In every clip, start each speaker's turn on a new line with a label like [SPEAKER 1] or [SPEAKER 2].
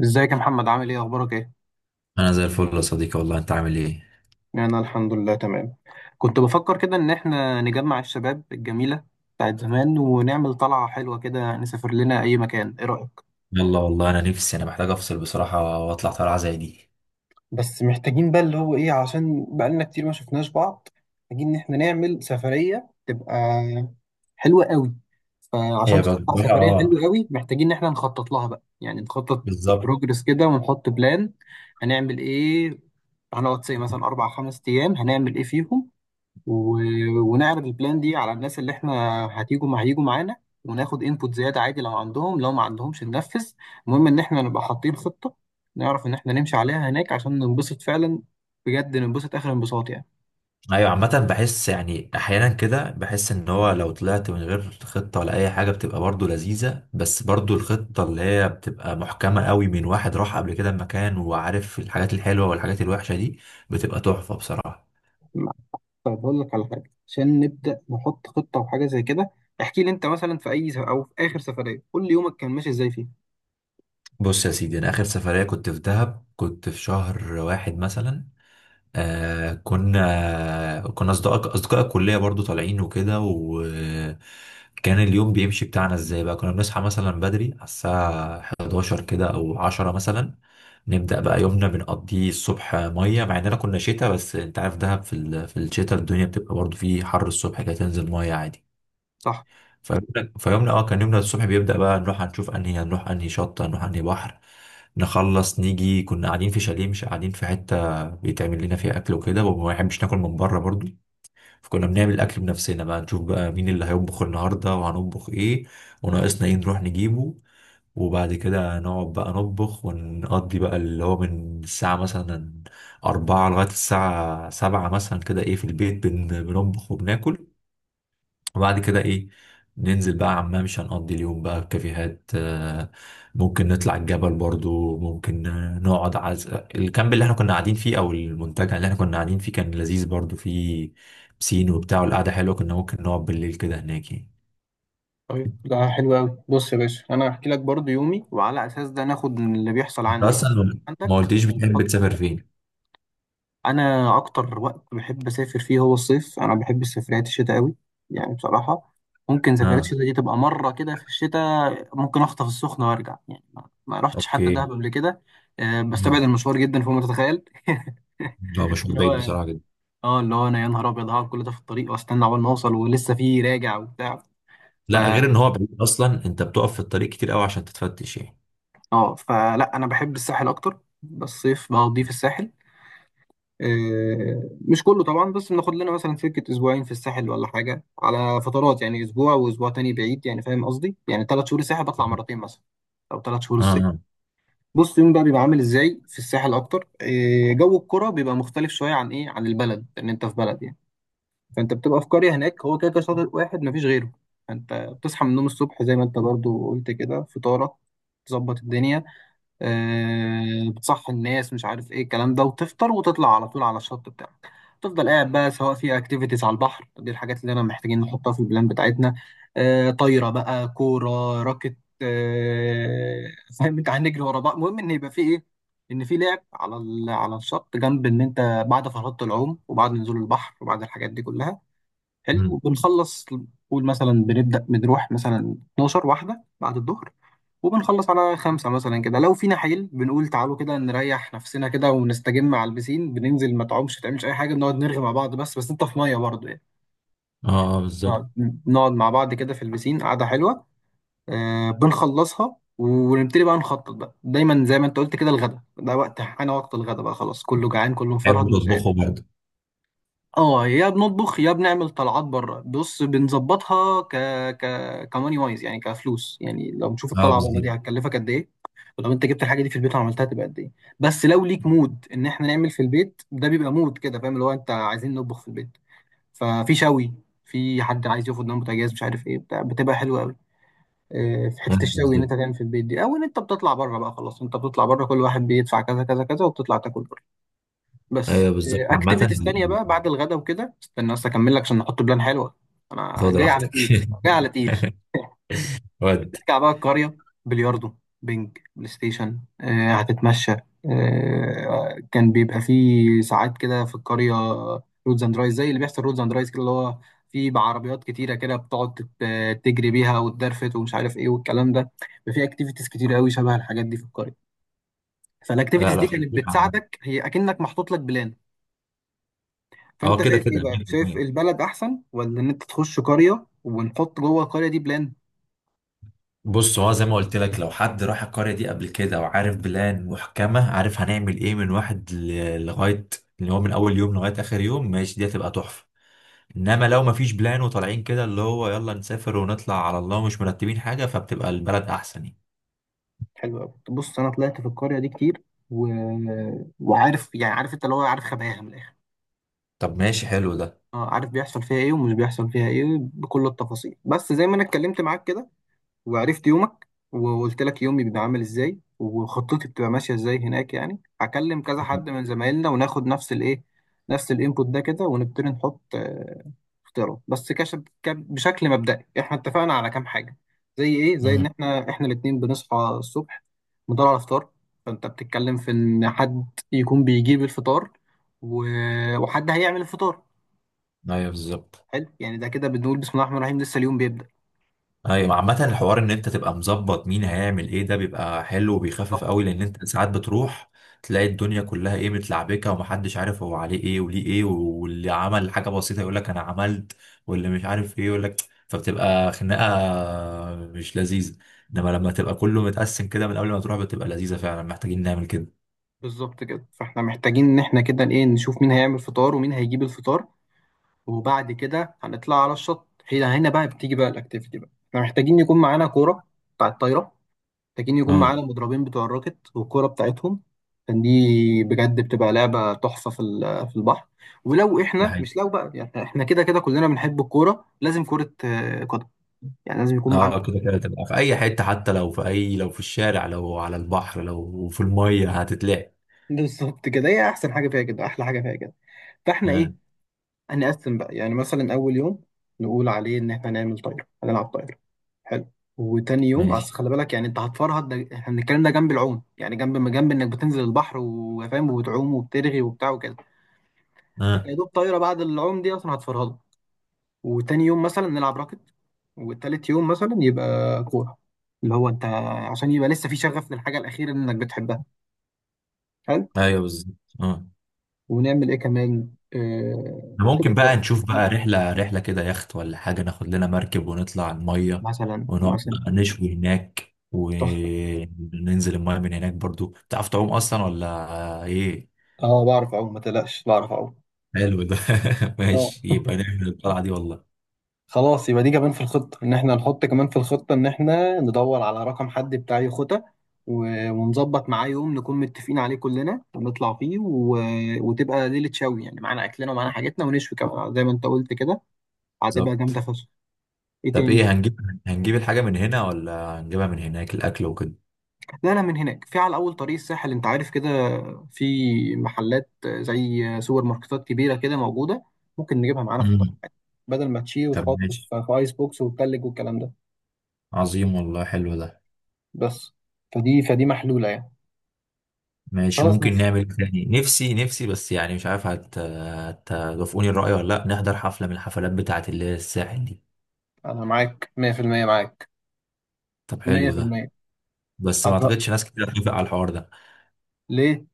[SPEAKER 1] ازيك يا محمد، عامل ايه؟ اخبارك ايه؟
[SPEAKER 2] انا زي الفل يا صديقي والله. انت عامل ايه؟
[SPEAKER 1] أنا الحمد لله تمام. كنت بفكر كده ان احنا نجمع الشباب الجميله بتاعت زمان ونعمل طلعه حلوه كده، نسافر لنا اي مكان. ايه رايك؟
[SPEAKER 2] يلا والله انا نفسي، انا محتاج افصل بصراحه واطلع طلعه زي دي.
[SPEAKER 1] بس محتاجين بقى اللي هو إيه، عشان بقالنا كتير ما شفناش بعض. محتاجين إن إحنا نعمل سفرية تبقى حلوة قوي. فعشان
[SPEAKER 2] هي بقى
[SPEAKER 1] تطلع سفريه
[SPEAKER 2] اه،
[SPEAKER 1] حلوه قوي محتاجين ان احنا نخطط لها بقى، يعني نخطط
[SPEAKER 2] بالظبط.
[SPEAKER 1] بروجرس كده ونحط بلان. هنعمل ايه؟ هنقعد سي مثلا اربع خمس ايام، هنعمل ايه فيهم؟ و... ونعرض البلان دي على الناس اللي احنا هتيجوا مع هيجوا معانا، وناخد انبوت زياده عادي، لو عندهم لو ما عندهمش ننفذ. المهم ان احنا نبقى حاطين خطه، نعرف ان احنا نمشي عليها هناك عشان ننبسط فعلا، بجد ننبسط اخر انبساط يعني.
[SPEAKER 2] ايوه عامه بحس يعني احيانا كده بحس ان هو لو طلعت من غير خطه ولا اي حاجه بتبقى برضو لذيذه، بس برضو الخطه اللي هي بتبقى محكمه قوي من واحد راح قبل كده مكان وعارف الحاجات الحلوه والحاجات الوحشه دي بتبقى تحفه بصراحه.
[SPEAKER 1] طيب هقول لك على حاجه عشان نبدا نحط خطه وحاجه زي كده. احكي لي انت مثلا في اي او في اخر سفريه قول لي يومك كان ماشي ازاي فيه.
[SPEAKER 2] بص يا سيدي، انا اخر سفريه كنت في دهب، كنت في شهر واحد مثلا. آه كنا أصدقاء الكلية برضو طالعين وكده، وكان اليوم بيمشي بتاعنا إزاي بقى. كنا بنصحى مثلا بدري على الساعة 11 كده أو 10 مثلا، نبدأ بقى يومنا بنقضيه الصبح مية، مع إننا كنا شتاء بس أنت عارف دهب في في الشتاء الدنيا بتبقى برضو فيه حر الصبح كده، تنزل مية عادي.
[SPEAKER 1] صح.
[SPEAKER 2] فيومنا كان يومنا الصبح بيبدأ بقى نروح هنشوف انهي، هنروح انهي شط، هنروح انهي بحر. نخلص نيجي، كنا قاعدين في شاليه، مش قاعدين في حتة بيتعمل لنا فيها أكل وكده، وما بنحبش ناكل من بره برضو. فكنا بنعمل الأكل بنفسنا، بقى نشوف بقى مين اللي هيطبخ النهاردة وهنطبخ إيه، وناقصنا إيه نروح نجيبه. وبعد كده نقعد بقى نطبخ ونقضي بقى اللي هو من الساعة مثلا أربعة لغاية الساعة سبعة مثلا كده، إيه، في البيت بنطبخ وبناكل. وبعد كده ايه، ننزل بقى عمان، مش هنقضي اليوم بقى في كافيهات، آه، ممكن نطلع الجبل برضو، ممكن آه، نقعد الكامب اللي احنا كنا قاعدين فيه او المنتجع اللي احنا كنا قاعدين فيه كان لذيذ برضو، فيه بسين وبتاع، والقعدة حلوة، كنا ممكن نقعد بالليل كده هناك يعني.
[SPEAKER 1] طيب ده حلو قوي، بص يا باشا، انا هحكي لك برضو يومي وعلى اساس ده ناخد من اللي بيحصل
[SPEAKER 2] انت
[SPEAKER 1] عندي ولا
[SPEAKER 2] اصلا ما
[SPEAKER 1] عندك
[SPEAKER 2] قلتليش بتحب
[SPEAKER 1] ونحط.
[SPEAKER 2] تسافر فين.
[SPEAKER 1] انا اكتر وقت بحب اسافر فيه هو الصيف، انا بحب سفريات الشتاء قوي يعني، بصراحه. ممكن سفريات
[SPEAKER 2] اه،
[SPEAKER 1] الشتاء دي تبقى مره كده، في الشتاء ممكن اخطف السخنه وارجع، يعني ما رحتش حتى
[SPEAKER 2] اوكي.
[SPEAKER 1] دهب قبل كده. بستبعد
[SPEAKER 2] مم.
[SPEAKER 1] المشوار جدا فوق ما تتخيل.
[SPEAKER 2] لا، مشوار
[SPEAKER 1] اللي
[SPEAKER 2] بعيد
[SPEAKER 1] هو
[SPEAKER 2] بصراحة جدا.
[SPEAKER 1] اه اللي هو انا يا نهار ابيض هقعد كل ده في الطريق واستنى عقبال ما اوصل، ولسه في راجع وبتاع. ف
[SPEAKER 2] لا، غير ان هو بعيد اصلا انت بتقف في الطريق كتير قوي عشان تتفتش يعني.
[SPEAKER 1] اه فلا انا بحب الساحل اكتر، بس الصيف بقضيه في الساحل. مش كله طبعا، بس بناخد لنا مثلا سكة أسبوعين في الساحل ولا حاجة على فترات يعني، أسبوع وأسبوع تاني بعيد يعني، فاهم قصدي؟ يعني 3 شهور الساحل بطلع مرتين مثلا، أو 3 شهور
[SPEAKER 2] اه،
[SPEAKER 1] الصيف.
[SPEAKER 2] اه.
[SPEAKER 1] بص، يوم بقى بيبقى عامل إزاي في الساحل أكتر، جو الكرة بيبقى مختلف شوية عن إيه، عن البلد، لأن أنت في بلد يعني. فأنت بتبقى في قرية هناك، هو كده كده شاطئ واحد مفيش غيره. فأنت بتصحى من النوم الصبح زي ما أنت برضو قلت كده، فطارك تظبط الدنيا. بتصحي الناس مش عارف ايه الكلام ده، وتفطر وتطلع على طول على الشط بتاعك. تفضل قاعد بقى، سواء في اكتيفيتيز على البحر، دي الحاجات اللي انا محتاجين نحطها في البلان بتاعتنا. طايره بقى، كوره، راكت، فاهم، انت هنجري ورا بعض، المهم ان يبقى في ايه، ان في لعب على على الشط، جنب ان انت بعد فرهدة العوم وبعد نزول البحر وبعد الحاجات دي كلها. حلو
[SPEAKER 2] مم.
[SPEAKER 1] وبنخلص. قول مثلا بنبدا بنروح مثلا 12 واحده بعد الظهر، وبنخلص على 5 مثلا كده، لو فينا حيل بنقول تعالوا كده نريح نفسنا كده ونستجم على البسين، بننزل، ما تعومش ما تعملش أي حاجة، بنقعد نرغي مع بعض، بس أنت في مية برضه يعني.
[SPEAKER 2] اه. آه، بالظبط.
[SPEAKER 1] نقعد نقعد مع بعض كده في البسين قعدة حلوة. بنخلصها ونبتدي بقى نخطط بقى دايما زي ما أنت قلت كده، الغدا ده وقت، أنا وقت الغدا بقى خلاص كله جعان كله
[SPEAKER 2] بحب
[SPEAKER 1] مفرهد ومش
[SPEAKER 2] تطبخه
[SPEAKER 1] قادر.
[SPEAKER 2] برضه.
[SPEAKER 1] اه يا بنطبخ يا بنعمل طلعات بره، بص بنظبطها ك ك كماني وايز يعني، كفلوس يعني، لو نشوف
[SPEAKER 2] اه،
[SPEAKER 1] الطلعه بره
[SPEAKER 2] بالظبط.
[SPEAKER 1] دي هتكلفك قد ايه، ولو انت جبت الحاجه دي في البيت وعملتها تبقى قد ايه. بس لو ليك مود ان احنا نعمل في البيت ده بيبقى مود كده، فاهم اللي هو انت عايزين نطبخ في البيت، ففي شوي، في حد عايز ياخد نوم، بوتاجاز مش عارف ايه بتاع، بتبقى حلوه قوي. اه، في حته
[SPEAKER 2] ايوه
[SPEAKER 1] الشوي ان انت
[SPEAKER 2] بالظبط.
[SPEAKER 1] تعمل في البيت دي، او ان انت بتطلع بره بقى خلاص، انت بتطلع بره كل واحد بيدفع كذا كذا كذا وبتطلع تاكل. بس،
[SPEAKER 2] ايوه بالظبط عامة.
[SPEAKER 1] اكتيفيتيز تانية بقى بعد الغدا وكده، استنى بس اكمل لك عشان نحط بلان حلوة. انا
[SPEAKER 2] خد
[SPEAKER 1] جاي على
[SPEAKER 2] راحتك.
[SPEAKER 1] تقيل، جاي على تقيل.
[SPEAKER 2] ودي.
[SPEAKER 1] نرجع بقى القرية، بلياردو، بينج، بلاي ستيشن، هتتمشى. كان بيبقى فيه ساعات كده في القرية، رودز اند رايز، زي اللي بيحصل رودز اند رايز كده اللي هو، في بعربيات كتيرة كده بتقعد تجري بيها وتدرفت ومش عارف ايه والكلام ده. في اكتيفيتيز كتير قوي شبه الحاجات دي في القرية،
[SPEAKER 2] لا
[SPEAKER 1] فالاكتيفيتيز
[SPEAKER 2] لا،
[SPEAKER 1] دي كانت
[SPEAKER 2] خطير عامة.
[SPEAKER 1] بتساعدك هي اكنك محطوط لك بلان.
[SPEAKER 2] هو
[SPEAKER 1] فانت
[SPEAKER 2] كده
[SPEAKER 1] شايف ايه
[SPEAKER 2] كده
[SPEAKER 1] بقى؟ شايف
[SPEAKER 2] 100%.
[SPEAKER 1] البلد احسن، ولا ان انت تخش قريه ونحط جوه القريه دي بلان؟
[SPEAKER 2] بص، هو زي ما قلت لك، لو حد راح القرية دي قبل كده وعارف بلان محكمة، عارف هنعمل ايه من واحد لغاية اللي هو من اول يوم لغاية اخر يوم ماشي، دي هتبقى تحفة. انما لو مفيش بلان وطالعين كده اللي هو يلا نسافر ونطلع على الله ومش مرتبين حاجة، فبتبقى البلد احسن يعني.
[SPEAKER 1] حلو قوي، بص انا طلعت في القريه دي كتير، و... وعارف يعني، عارف انت اللي هو عارف خباياها من الاخر.
[SPEAKER 2] طب ماشي، حلو ده.
[SPEAKER 1] اه عارف بيحصل فيها ايه ومش بيحصل فيها ايه بكل التفاصيل، بس زي ما انا اتكلمت معاك كده وعرفت يومك وقلت لك يومي بيبقى عامل ازاي وخطتي بتبقى ماشيه ازاي هناك، يعني هكلم كذا حد من زمايلنا وناخد نفس الايه، نفس الانبوت ده كده ونبتدي نحط، اختيارات بس كش. بشكل مبدئي احنا اتفقنا على كام حاجه، زي ايه، زي ان
[SPEAKER 2] مم.
[SPEAKER 1] احنا الاثنين بنصحى الصبح ندور على الفطار، فانت بتتكلم في ان حد يكون بيجيب الفطار، و... وحد هيعمل الفطار.
[SPEAKER 2] ايوه بالظبط.
[SPEAKER 1] حلو، يعني ده كده بنقول بسم الله الرحمن الرحيم، لسه اليوم بيبدأ.
[SPEAKER 2] ايوه عامة، الحوار ان انت تبقى مظبط مين هيعمل ايه، ده بيبقى حلو وبيخفف قوي، لان انت ساعات بتروح تلاقي الدنيا كلها ايه، متلعبكه ومحدش عارف هو عليه ايه وليه ايه، واللي عمل حاجة بسيطة يقول لك انا عملت، واللي مش عارف ايه يقول لك، فبتبقى خناقة مش لذيذة. انما لما تبقى كله متقسم كده من قبل ما تروح بتبقى لذيذة فعلا، محتاجين نعمل كده.
[SPEAKER 1] بالظبط كده، فاحنا محتاجين ان احنا كده ايه، نشوف مين هيعمل فطار ومين هيجيب الفطار. وبعد كده هنطلع على الشط. هنا بقى بتيجي بقى الاكتيفيتي بقى، احنا محتاجين يكون معانا كوره بتاع الطايره، محتاجين يكون
[SPEAKER 2] اه،
[SPEAKER 1] معانا مضربين بتوع الراكت والكوره بتاعتهم، عشان دي بجد بتبقى لعبه تحفه في البحر. ولو
[SPEAKER 2] ده
[SPEAKER 1] احنا
[SPEAKER 2] حقيقي.
[SPEAKER 1] مش، لو بقى يعني احنا كده كده كلنا بنحب الكوره لازم كوره، قدم، يعني لازم يكون معانا.
[SPEAKER 2] اه، كده كده تبقى في اي حتة، حتى لو في اي، لو في الشارع، لو على البحر، لو في المية هتتلاقي.
[SPEAKER 1] بالظبط كده، هي احسن حاجه فيها كده، احلى حاجه فيها كده. فاحنا ايه،
[SPEAKER 2] اه،
[SPEAKER 1] هنقسم بقى يعني، مثلا أول يوم نقول عليه إن إحنا هنعمل طايرة، هنلعب طايرة، حلو. وتاني يوم، بس
[SPEAKER 2] ماشي.
[SPEAKER 1] خلي بالك يعني، أنت هتفرهد، ده إحنا بنتكلم ده جنب العوم يعني، جنب ما جنب إنك بتنزل البحر وفاهم وبتعوم وبترغي وبتاع وكده، فأنت
[SPEAKER 2] اه.
[SPEAKER 1] يا دوب طايرة بعد العوم دي أصلا هتفرهده. وتاني يوم مثلا نلعب راكت، والتالت يوم مثلا يبقى كورة، اللي هو أنت عشان يبقى لسه في شغف للحاجة الأخيرة اللي إنك بتحبها، حلو.
[SPEAKER 2] ايوه بالظبط. اه،
[SPEAKER 1] ونعمل إيه كمان؟
[SPEAKER 2] ده
[SPEAKER 1] كده
[SPEAKER 2] ممكن
[SPEAKER 1] خلاص،
[SPEAKER 2] بقى نشوف بقى رحله كده، يخت ولا حاجه، ناخد لنا مركب ونطلع على الميه،
[SPEAKER 1] مثلا
[SPEAKER 2] ونقعد
[SPEAKER 1] مثلا.
[SPEAKER 2] بقى نشوي هناك،
[SPEAKER 1] تحفة.
[SPEAKER 2] وننزل الميه من هناك برضو. تعرف تعوم اصلا ولا ايه؟
[SPEAKER 1] اه بعرف اعوم، ما تقلقش بعرف اعوم.
[SPEAKER 2] حلو ده.
[SPEAKER 1] اه
[SPEAKER 2] ماشي، يبقى نعمل الطلعه دي والله.
[SPEAKER 1] خلاص يبقى دي كمان في الخطة، ان احنا نحط كمان في الخطة ان احنا ندور على رقم حد بتاع يخوتة، ونظبط معاه يوم نكون متفقين عليه كلنا ونطلع فيه، وتبقى ليلة شوي يعني، معانا اكلنا ومعانا حاجتنا ونشوي كمان زي ما انت قلت كده، هتبقى جامدة
[SPEAKER 2] بالظبط.
[SPEAKER 1] فشخ. ايه
[SPEAKER 2] طب
[SPEAKER 1] تاني؟
[SPEAKER 2] ايه هنجيب؟ هنجيب الحاجه من هنا ولا هنجيبها من هناك، الاكل وكده؟
[SPEAKER 1] لا لا، من هناك. في على اول طريق الساحل انت عارف كده، في محلات زي سوبر ماركتات كبيرة كده موجودة، ممكن نجيبها معانا في الطريق،
[SPEAKER 2] امم.
[SPEAKER 1] بدل ما تشيل
[SPEAKER 2] طب
[SPEAKER 1] وتحط
[SPEAKER 2] ماشي.
[SPEAKER 1] في ايس بوكس وتلج والكلام ده،
[SPEAKER 2] عظيم والله، حلو ده.
[SPEAKER 1] بس. فدي محلولة يعني.
[SPEAKER 2] ماشي،
[SPEAKER 1] خلاص
[SPEAKER 2] ممكن
[SPEAKER 1] ماشي،
[SPEAKER 2] نعمل تاني، نفسي نفسي بس يعني مش عارف هتوافقوني الرأي ولا لا، نحضر حفلة من الحفلات بتاعة اللي هي الساحل دي.
[SPEAKER 1] أنا معاك 100% معاك
[SPEAKER 2] طب حلو ده.
[SPEAKER 1] 100%.
[SPEAKER 2] بس ما
[SPEAKER 1] هتبقى
[SPEAKER 2] اعتقدش ناس كتير هتوافق على الحوار ده.
[SPEAKER 1] ليه؟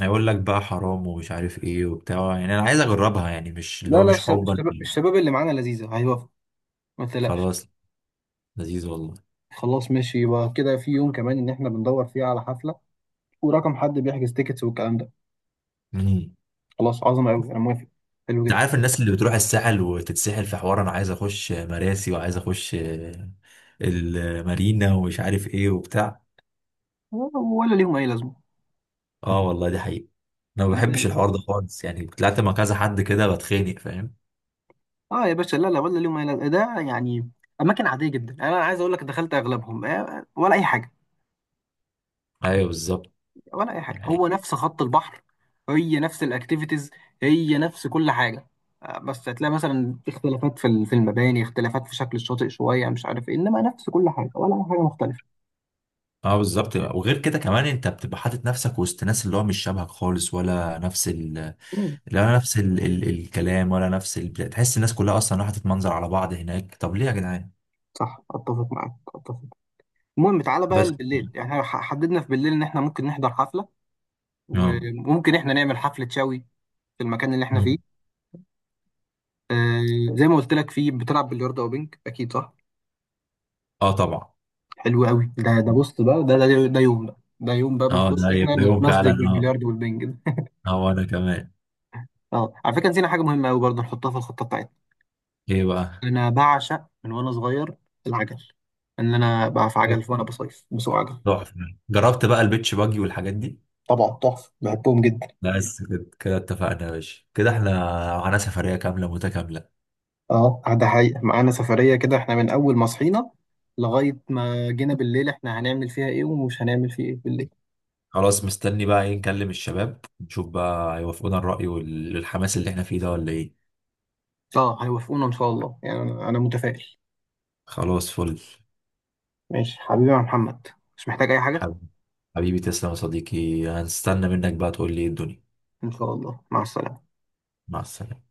[SPEAKER 2] هيقول لك بقى حرام ومش عارف ايه وبتاع، يعني انا عايز اجربها يعني مش
[SPEAKER 1] لا
[SPEAKER 2] اللي هو
[SPEAKER 1] لا
[SPEAKER 2] مش
[SPEAKER 1] الش-
[SPEAKER 2] حبا
[SPEAKER 1] الشباب
[SPEAKER 2] فيه.
[SPEAKER 1] الشباب اللي معانا لذيذة هيوافقوا، ما تقلقش.
[SPEAKER 2] خلاص. لذيذ والله.
[SPEAKER 1] خلاص ماشي، يبقى كده في يوم كمان إن إحنا بندور فيه على حفلة، ورقم حد بيحجز تيكتس والكلام ده،
[SPEAKER 2] امم.
[SPEAKER 1] خلاص عظمة أوي أنا موافق، حلو
[SPEAKER 2] انت
[SPEAKER 1] جدا.
[SPEAKER 2] عارف الناس اللي بتروح الساحل وتتسحل في حوار انا عايز اخش مراسي وعايز اخش المارينا ومش عارف ايه وبتاع.
[SPEAKER 1] ولا ليهم أي لازمة،
[SPEAKER 2] اه والله، دي حقيقة. انا ما بحبش
[SPEAKER 1] صدقني.
[SPEAKER 2] الحوار ده خالص، يعني طلعت مع كذا حد كده بتخانق فاهم.
[SPEAKER 1] يا باشا لا لا، ولا ليهم أي لازمة ده يعني، أماكن عادية جدا، أنا عايز أقول لك دخلت أغلبهم، ولا أي حاجة،
[SPEAKER 2] ايوه بالظبط
[SPEAKER 1] ولا اي حاجه،
[SPEAKER 2] يعني.
[SPEAKER 1] هو نفس خط البحر، هي نفس الاكتيفيتيز، هي نفس كل حاجه. بس هتلاقي مثلا اختلافات في المباني، اختلافات في شكل الشاطئ شويه مش عارف ايه، انما نفس كل حاجه ولا اي حاجه مختلفه.
[SPEAKER 2] اه بالظبط، وغير كده كمان انت بتبقى حاطط نفسك وسط ناس اللي هو مش شبهك خالص، ولا نفس ال،
[SPEAKER 1] مم.
[SPEAKER 2] لا نفس الكلام، ولا نفس تحس الناس كلها اصلا راحت تتمنظر على بعض هناك، طب ليه يا جدعان؟
[SPEAKER 1] صح، اتفق معاك اتفق. المهم تعالى بقى
[SPEAKER 2] بس.
[SPEAKER 1] بالليل يعني، إحنا حددنا في بالليل ان احنا ممكن نحضر حفله،
[SPEAKER 2] اه.
[SPEAKER 1] وممكن احنا نعمل حفله شاوي في المكان اللي احنا
[SPEAKER 2] مم.
[SPEAKER 1] فيه. زي ما قلت لك فيه بتلعب بلياردو او بينج، اكيد صح.
[SPEAKER 2] اه طبعا.
[SPEAKER 1] حلو قوي، ده بص بقى، ده يوم بقى
[SPEAKER 2] اه،
[SPEAKER 1] بنخش
[SPEAKER 2] ده
[SPEAKER 1] احنا
[SPEAKER 2] يبقى يوم فعلا،
[SPEAKER 1] نتمزج
[SPEAKER 2] اه.
[SPEAKER 1] بالبلياردو والبنج ده.
[SPEAKER 2] اه وانا كمان.
[SPEAKER 1] اه على فكره نسينا حاجه مهمه قوي برضه، نحطها في الخطه بتاعتنا،
[SPEAKER 2] ايه بقى؟
[SPEAKER 1] انا بعشق من وانا صغير العجل، ان انا بقى في عجل وانا بصيف بسوق عجل.
[SPEAKER 2] تحفة. جربت بقى البيتش باجي والحاجات دي؟
[SPEAKER 1] طبعا تحفه بحبهم جدا.
[SPEAKER 2] بس كده كده اتفقنا يا باشا، كده احنا معانا سفرية كاملة متكاملة.
[SPEAKER 1] اه ده حقيقه معانا سفريه كده، احنا من اول ما صحينا لغايه ما جينا بالليل احنا هنعمل فيها ايه ومش هنعمل فيه ايه بالليل.
[SPEAKER 2] خلاص، مستني بقى ايه، نكلم الشباب نشوف بقى هيوافقونا الرأي والحماس اللي احنا فيه ده ولا ايه.
[SPEAKER 1] اه هيوافقونا ان شاء الله يعني، أنا متفائل.
[SPEAKER 2] خلاص فل.
[SPEAKER 1] ماشي حبيبي يا محمد، مش محتاج اي حاجه،
[SPEAKER 2] حب- حبيبي، تسلم يا صديقي، هنستنى منك بقى تقول لي ايه الدنيا.
[SPEAKER 1] ان شاء الله، مع السلامه.
[SPEAKER 2] مع السلامة.